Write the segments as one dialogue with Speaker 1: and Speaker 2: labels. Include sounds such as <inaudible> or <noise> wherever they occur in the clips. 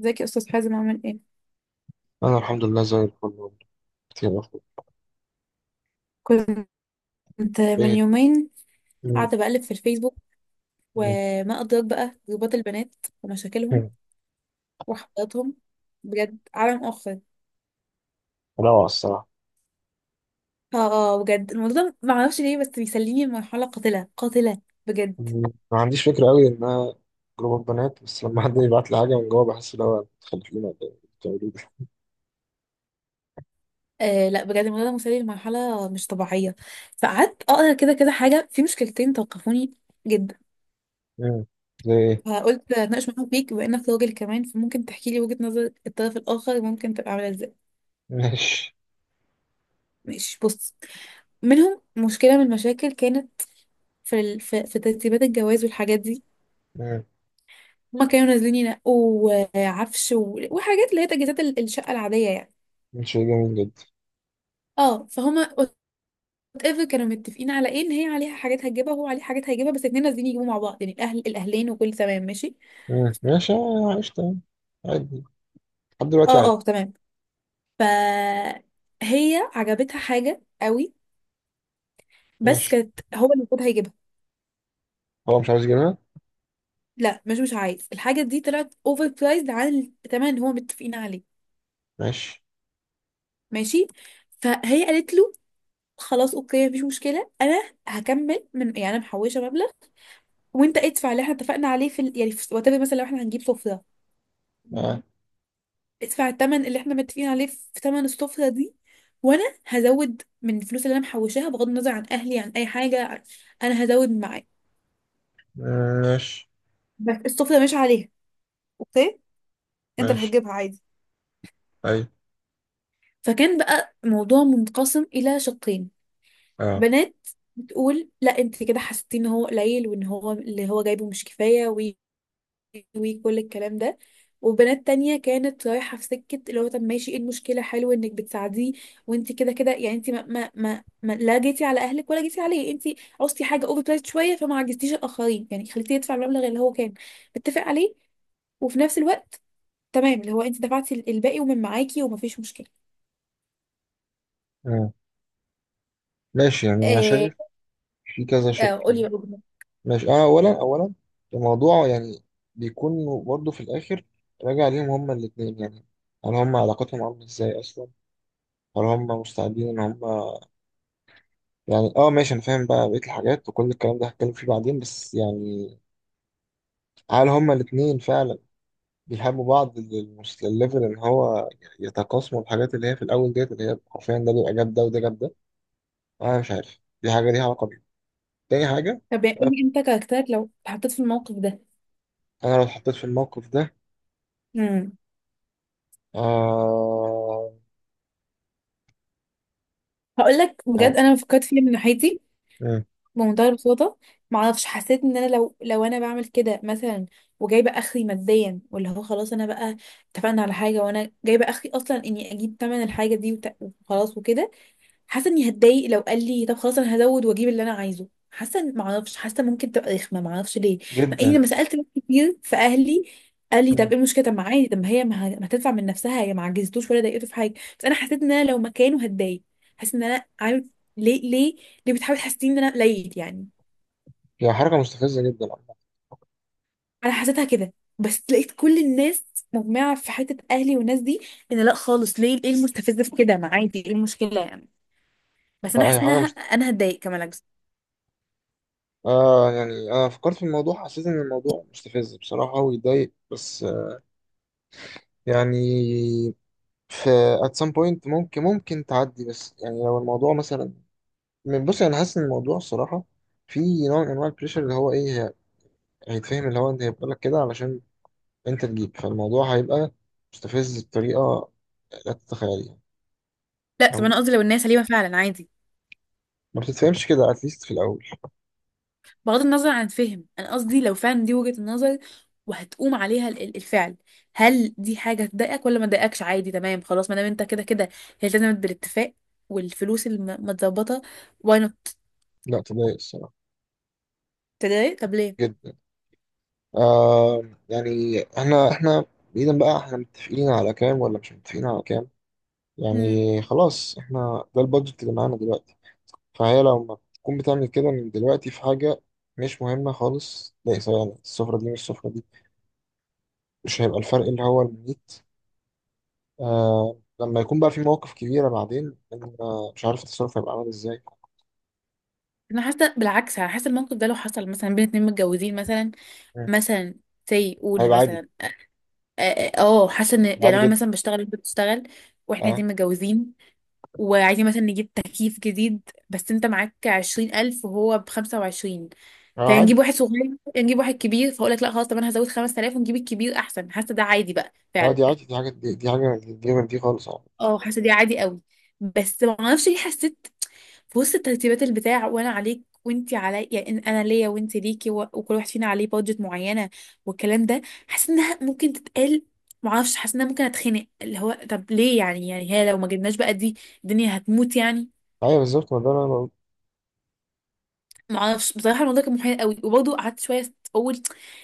Speaker 1: ازيك يا استاذ حازم، عامل ايه؟
Speaker 2: أنا الحمد لله زي الفل. كتير أخوي.
Speaker 1: كنت من
Speaker 2: إيه.
Speaker 1: يومين
Speaker 2: مم.
Speaker 1: قاعده بقلب في الفيسبوك،
Speaker 2: مم.
Speaker 1: وما ادراك بقى جروبات البنات ومشاكلهم
Speaker 2: مم.
Speaker 1: وحواراتهم. بجد عالم اخر.
Speaker 2: روعة الصراحة.
Speaker 1: بجد الموضوع ده ما اعرفش ليه بس بيسليني لمرحله قاتله قاتله، بجد.
Speaker 2: مم. ما عنديش فكرة أوي إنها جروب بنات، بس لما حد يبعت لي حاجة من جوه بحس إن هو تخلف لنا ده بتعملوه ده.
Speaker 1: آه لا، بجد الموضوع ده مسلي لمرحله مش طبيعيه. فقعدت اقرا كده كده حاجه، في مشكلتين توقفوني جدا.
Speaker 2: مم. زي إيه؟
Speaker 1: فقلت اتناقش معاك فيك، بما انك راجل كمان فممكن تحكي لي وجهه نظر الطرف الاخر، ممكن تبقى عامله ازاي.
Speaker 2: ماشي.
Speaker 1: ماشي بص، منهم مشكلة من المشاكل كانت في ترتيبات الجواز والحاجات دي.
Speaker 2: مم.
Speaker 1: هما كانوا نازلين ينقوا عفش و... وحاجات اللي هي تجهيزات الشقة العادية يعني.
Speaker 2: شيء جميل جدا.
Speaker 1: اه فهما وات ايفر كانوا متفقين على ايه، ان هي عليها حاجات هتجيبها وهو عليه حاجات هيجيبها، بس الاتنين نازلين يجيبوا مع بعض، يعني الاهل الاهلين وكل تمام ماشي.
Speaker 2: مم. ماشي، آه، عشت يعني. عادي. لحد دلوقتي
Speaker 1: اه
Speaker 2: عادي.
Speaker 1: اه تمام. ف هي عجبتها حاجة قوي، بس
Speaker 2: ماشي.
Speaker 1: كانت هو اللي المفروض هيجيبها.
Speaker 2: هو مش عاوز يجيبها.
Speaker 1: لا مش عايز، الحاجة دي طلعت اوفر برايزد عن الثمن اللي هما متفقين عليه.
Speaker 2: ماشي،
Speaker 1: ماشي، فهي قالت له خلاص اوكي، مفيش مشكله، انا هكمل من، يعني انا محوشه مبلغ وانت ادفع اللي احنا اتفقنا عليه يعني في وات ايفر، مثلا لو احنا هنجيب سفره،
Speaker 2: آه.
Speaker 1: ادفع الثمن اللي احنا متفقين عليه في ثمن السفره دي، وانا هزود من الفلوس اللي انا محوشاها، بغض النظر عن اهلي، عن اي حاجه، انا هزود معاك،
Speaker 2: ماشي.
Speaker 1: بس السفره مش عليها، اوكي؟ انت اللي
Speaker 2: ماشي.
Speaker 1: هتجيبها عادي.
Speaker 2: أي.
Speaker 1: فكان بقى موضوع منقسم الى شقين.
Speaker 2: أه.
Speaker 1: بنات بتقول لا، انت كده حسيتي ان هو قليل، وان هو اللي هو جايبه مش كفايه، وكل الكلام ده. وبنات تانية كانت رايحة في سكة اللي هو طب ماشي، ايه المشكلة؟ حلو انك بتساعديه، وانت كده كده يعني، انت ما ما ما ما- لا جيتي على اهلك ولا جيتي عليه، انت عوزتي حاجة اوفر برايس شوية، فما عجزتيش الاخرين يعني، خليتيه يدفع المبلغ اللي هو كان متفق عليه، وفي نفس الوقت تمام اللي هو انت دفعتي الباقي ومن معاكي، ومفيش مشكلة.
Speaker 2: مم. ماشي، يعني أنا
Speaker 1: آه،
Speaker 2: شايف في كذا شق.
Speaker 1: آه قولي بقى.
Speaker 2: ماشي. اه، اولا اولا الموضوع يعني بيكون برضه في الاخر راجع ليهم هما الاثنين، يعني هل هما علاقتهم عامله ازاي اصلا، هل هما مستعدين ان هما، يعني اه ماشي انا فاهم بقى بقيه الحاجات وكل الكلام ده هتكلم فيه بعدين، بس يعني هل هما الاثنين فعلا بيحبوا بعض للليفل ان هو يتقاسموا الحاجات اللي هي في الاول ديت، اللي هي حرفيا ده بيبقى جاب ده وده جاب ده. انا مش عارف دي حاجه ليها علاقه بيه. تاني حاجه.
Speaker 1: طب يعني قولي انت، كاركترك لو اتحطيت في الموقف ده.
Speaker 2: انا لو اتحطيت في الموقف ده
Speaker 1: امم
Speaker 2: آه...
Speaker 1: هقول لك
Speaker 2: آه.
Speaker 1: بجد، انا فكرت فيها من ناحيتي بمنتهى البساطة. معرفش، حسيت ان انا لو انا بعمل كده مثلا، وجايبه اخري ماديا، واللي هو خلاص انا بقى اتفقنا على حاجه وانا جايبه اخري، اصلا اني اجيب تمن الحاجه دي وخلاص وكده، حاسه اني هتضايق لو قال لي طب خلاص انا هزود واجيب اللي انا عايزه. حاسه معرفش، حاسه ممكن تبقى رخمه، معرفش ليه. مع
Speaker 2: جدا.
Speaker 1: اني لما سالت ناس كتير في اهلي، قال لي طب
Speaker 2: مم.
Speaker 1: ايه المشكله، طب ما عادي، طب ما هي ما هتدفع من نفسها، هي ما عجزتوش ولا ضايقته في حاجه. بس انا حسيت ان انا لو مكانه هتضايق، حاسه ان انا عارف، ليه ليه ليه بتحاول تحسسني ان انا قليل يعني؟
Speaker 2: هي حركة مستفزة جدا عامة.
Speaker 1: انا حسيتها كده. بس لقيت كل الناس مجمعه في حته، اهلي والناس دي، ان لا خالص، ليه؟ ايه المستفز في كده؟ ما عادي، ايه المشكله يعني؟ بس انا
Speaker 2: لا،
Speaker 1: حاسه انها، انا هتضايق كمان.
Speaker 2: يعني أنا فكرت في الموضوع حسيت إن الموضوع مستفز بصراحة ويضايق، بس يعني في at some point ممكن تعدي، بس يعني لو الموضوع مثلا بص أنا حاسس إن الموضوع الصراحة في نوع من أنواع البريشر اللي هو إيه هيتفهم اللي هو أنت هيبقى لك كده علشان أنت تجيب، فالموضوع هيبقى مستفز بطريقة لا تتخيليها.
Speaker 1: لا طب
Speaker 2: فاهم؟
Speaker 1: انا قصدي لو الناس سليمه فعلا، عادي.
Speaker 2: ما بتتفهمش كده at least في الأول.
Speaker 1: بغض النظر عن الفهم، انا قصدي لو فعلا دي وجهه النظر وهتقوم عليها ال الفعل، هل دي حاجه تضايقك ولا ما تضايقكش عادي تمام خلاص، ما دام انت كده كده هي التزمت بالاتفاق، والفلوس متظبطه، واي نوت.
Speaker 2: لا، تضايق الصراحة.
Speaker 1: تضايق؟ طب ليه؟
Speaker 2: جدا. آه، يعني احنا بعيدا بقى، احنا متفقين على كام ولا مش متفقين على كام.
Speaker 1: مم.
Speaker 2: يعني خلاص، احنا ده البادجت اللي معانا دلوقتي. فهي لو ما تكون بتعمل كده من دلوقتي في حاجة مش مهمة خالص، لا سواء يعني السفرة دي مش السفرة دي، مش هيبقى الفرق اللي هو المميت. آه لما يكون بقى في مواقف كبيرة بعدين مش عارف التصرف هيبقى عامل ازاي.
Speaker 1: انا حاسه بالعكس، انا حاسه الموقف ده لو حصل مثلا بين اتنين متجوزين مثلا،
Speaker 2: مم.
Speaker 1: مثلا سي قول
Speaker 2: هيبقى عادي.
Speaker 1: مثلا، حاسه ان يعني، لو
Speaker 2: عادي
Speaker 1: انا
Speaker 2: جدا.
Speaker 1: مثلا بشتغل وانت بتشتغل واحنا
Speaker 2: اه،
Speaker 1: الاتنين متجوزين، وعايزين مثلا نجيب تكييف جديد، بس انت معاك 20000 وهو بخمسة وعشرين،
Speaker 2: آه، عادي.
Speaker 1: فنجيب واحد صغير؟ نجيب واحد كبير، فاقول لك لا خلاص، طب انا هزود 5000 ونجيب الكبير احسن. حاسه ده عادي بقى
Speaker 2: اه،
Speaker 1: فعلا.
Speaker 2: دي عادي، دي حاجة، دي حاجة دي غير دي خالص، اه.
Speaker 1: اه، حاسه دي عادي قوي. بس ما اعرفش ليه حسيت في وسط ترتيبات البتاع، وانا عليك وانت علي، يعني انا ليا وانت ليكي، و... وكل واحد فينا عليه بادجت معينه والكلام ده، حاسه انها ممكن تتقال. ما اعرفش، حاسه انها ممكن اتخنق، اللي هو طب ليه يعني هي لو ما جبناش بقى دي الدنيا هتموت يعني؟
Speaker 2: ايوه بالظبط، ما ده اللي أنا.
Speaker 1: ما اعرفش بصراحه الموضوع كان محير قوي، وبرضه قعدت شويه اقول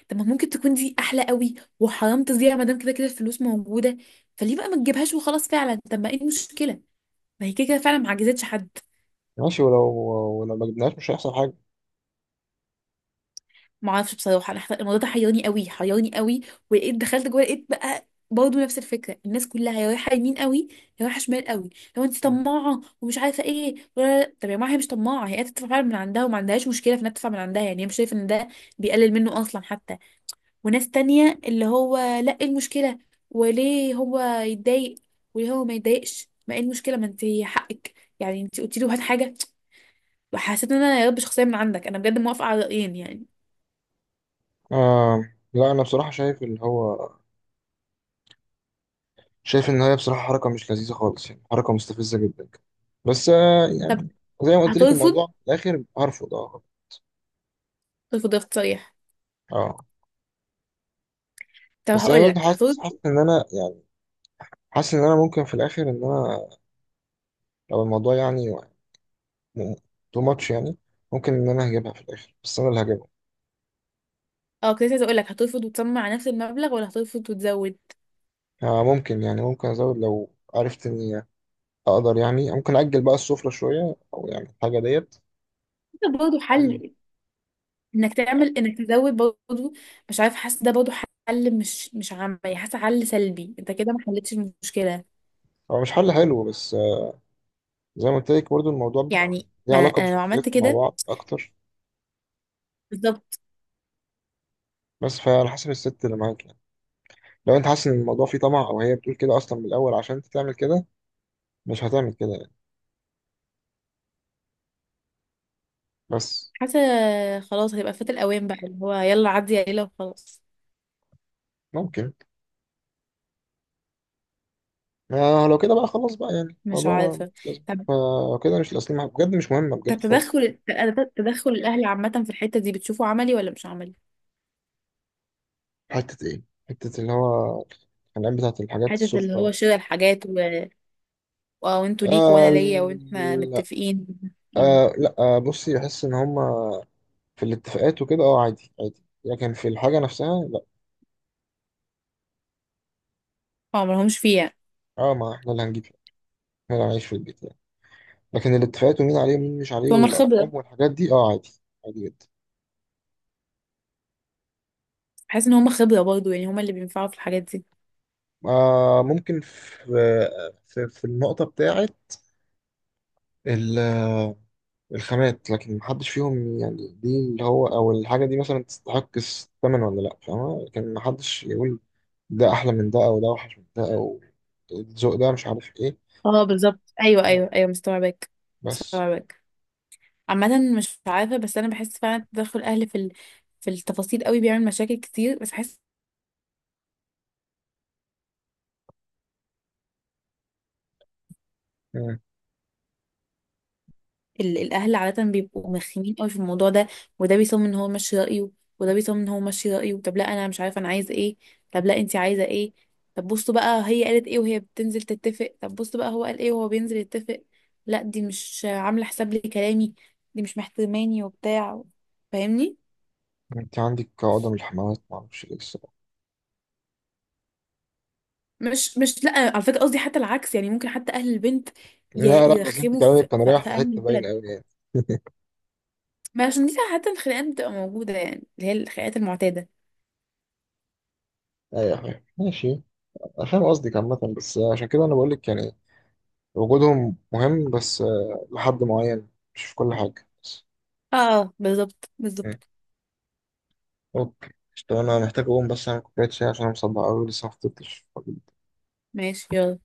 Speaker 1: طب ما ممكن تكون دي احلى قوي، وحرام تضيع ما دام كده كده الفلوس موجوده، فليه بقى ما تجيبهاش وخلاص؟ فعلا طب ما ايه المشكله، ما هي كده كده فعلا ما عجزتش حد.
Speaker 2: ماشي. ولو ما جبناهاش مش هيحصل حاجة.
Speaker 1: ما اعرفش بصراحه انا الموضوع ده حيرني قوي، حيرني قوي. ولقيت دخلت جوه، لقيت بقى برضه نفس الفكره، الناس كلها يا رايحه يمين قوي يا رايحه شمال قوي، لو انت طماعه ومش عارفه ايه، ولا طب يا جماعه هي مش طماعه، هي قاعدة تدفع فعلا من عندها، وما عندهاش مشكله في انها تدفع من عندها، يعني هي مش شايفه ان ده بيقلل منه اصلا حتى. وناس تانية اللي هو لا، ايه المشكلة؟ وليه هو يتضايق؟ وليه هو ما يتضايقش؟ ما ايه المشكلة؟ ما انت حقك، يعني انت قلتي له هات حاجة. وحسيت ان انا يا رب شخصية من عندك، انا بجد موافقة على رأيين يعني.
Speaker 2: آه لا، أنا بصراحة شايف اللي هو شايف إن هي بصراحة حركة مش لذيذة خالص، يعني حركة مستفزة جدا، بس
Speaker 1: طب
Speaker 2: يعني زي ما قلت لك
Speaker 1: هترفض،
Speaker 2: الموضوع في الآخر هرفض أه.
Speaker 1: ترفض رفض صريح؟
Speaker 2: أه،
Speaker 1: طب
Speaker 2: بس أنا
Speaker 1: هقول
Speaker 2: برضه
Speaker 1: لك
Speaker 2: حاسس
Speaker 1: هترفض.
Speaker 2: حاسس إن أنا، يعني حاسس إن أنا ممكن في الآخر، إن أنا لو الموضوع يعني تو ماتش، يعني ممكن إن أنا هجيبها في الآخر بس أنا اللي هجيبها.
Speaker 1: اه، كنت عايزة اقول لك هترفض وتصمم على نفس المبلغ، ولا هترفض وتزود؟
Speaker 2: آه ممكن، يعني ممكن أزود لو عرفت إني أقدر، يعني ممكن أجل بقى السفرة شوية، أو يعني الحاجة ديت.
Speaker 1: ده برضه حل، انك تعمل، انك تزود برضه مش عارف، حاسة ده برضه حل مش عملي، حاسة حل سلبي، انت كده ما حلتش المشكلة،
Speaker 2: هو مش حل حلو، بس زي ما قلت لك برضه الموضوع بيبقى يعني
Speaker 1: يعني
Speaker 2: ليه
Speaker 1: ما
Speaker 2: علاقة
Speaker 1: انا لو عملت
Speaker 2: بشخصياتكم مع
Speaker 1: كده
Speaker 2: بعض أكتر.
Speaker 1: بالظبط.
Speaker 2: بس فعلى حسب الست اللي معاك، يعني لو أنت حاسس إن الموضوع فيه طمع أو هي بتقول كده أصلا من الأول عشان أنت تعمل كده، مش هتعمل كده يعني. بس
Speaker 1: حاسة خلاص هيبقى فات الأوان بقى، اللي هو يلا عدي يا ليلى وخلاص.
Speaker 2: ممكن. ما لو كده بقى خلاص بقى، يعني
Speaker 1: مش
Speaker 2: الموضوع
Speaker 1: عارفة.
Speaker 2: لازم،
Speaker 1: طب
Speaker 2: فلو كده مش الأصل، بجد مش مهمة
Speaker 1: طب
Speaker 2: بجد خالص.
Speaker 1: تدخل الأهل عامة في الحتة دي، بتشوفه عملي ولا مش عملي؟
Speaker 2: حتة إيه؟ حتة اللي هو الخناقات بتاعت الحاجات
Speaker 1: حتة اللي
Speaker 2: السفرة.
Speaker 1: هو شراء الحاجات و... آه، وانتوا ليكوا وأنا
Speaker 2: آه.
Speaker 1: ليا، وإحنا
Speaker 2: لا.
Speaker 1: متفقين متفقين.
Speaker 2: آه، لا، آه، بصي، بحس إن هما في الاتفاقات وكده أه عادي عادي، لكن في الحاجة نفسها.
Speaker 1: اه ملهمش فيها،
Speaker 2: اه، ما احنا اللي هنجيب، احنا اللي هنعيش في البيت يعني. لكن الاتفاقات ومين عليه ومين مش عليه
Speaker 1: فهم الخبرة.
Speaker 2: والارقام والحاجات دي اه عادي. عادي جدا.
Speaker 1: بحس إن هم خبرة برضه، يعني هم اللي بينفعوا في الحاجات دي.
Speaker 2: آه ممكن في في النقطة بتاعة ال- الخامات، لكن محدش فيهم يعني دي اللي هو او الحاجة دي مثلا تستحق الثمن ولا لا، فاهمة؟ لكن محدش يقول ده احلى من ده او ده اوحش من ده او الذوق ده مش عارف ايه.
Speaker 1: اه بالظبط، أيوه
Speaker 2: اه.
Speaker 1: أيوه أيوه، مستوعباك
Speaker 2: بس.
Speaker 1: مستوعباك. عامة مش عارفة، بس أنا بحس فعلا تدخل الأهل في التفاصيل قوي بيعمل مشاكل كتير، بس بحس
Speaker 2: مم.
Speaker 1: الاهل عاده بيبقوا مخيمين قوي في الموضوع ده. وده بيصمم ان هو ماشي رايه، وده بيصمم ان هو ماشي رايه، طب لا انا مش عارفه انا عايزه ايه، طب لا انت عايزه ايه، طب بصوا بقى هي قالت ايه وهي بتنزل تتفق، طب بصوا بقى هو قال ايه وهو بينزل يتفق، لا دي مش عامله حساب لي كلامي، دي مش محترماني وبتاع، فاهمني؟
Speaker 2: انت عندك عقدة من الحماوات معرفش ايه الصراحة.
Speaker 1: مش لا، على فكره قصدي حتى العكس، يعني ممكن حتى اهل البنت
Speaker 2: لا لا، بس انت
Speaker 1: يرخموا في
Speaker 2: كلامك كان
Speaker 1: في,
Speaker 2: رايح
Speaker 1: في
Speaker 2: في
Speaker 1: اهل
Speaker 2: حتة باينة
Speaker 1: الولد،
Speaker 2: قوي يعني. <laughs>
Speaker 1: ما عشان دي حتى الخناقات بتبقى موجوده، يعني اللي هي الخناقات المعتاده.
Speaker 2: ايوه فاهم، ماشي. أنا فاهم قصدك عامة، بس عشان كده انا بقول لك، يعني وجودهم مهم، بس لحد معين، مش في كل حاجة بس.
Speaker 1: اه اه بالظبط
Speaker 2: مم.
Speaker 1: بالظبط،
Speaker 2: اوكي. طب انا محتاج اقوم بس اعمل كوباية شاي عشان انا مصدع قوي لسه ما فطرتش.
Speaker 1: ماشي يلا.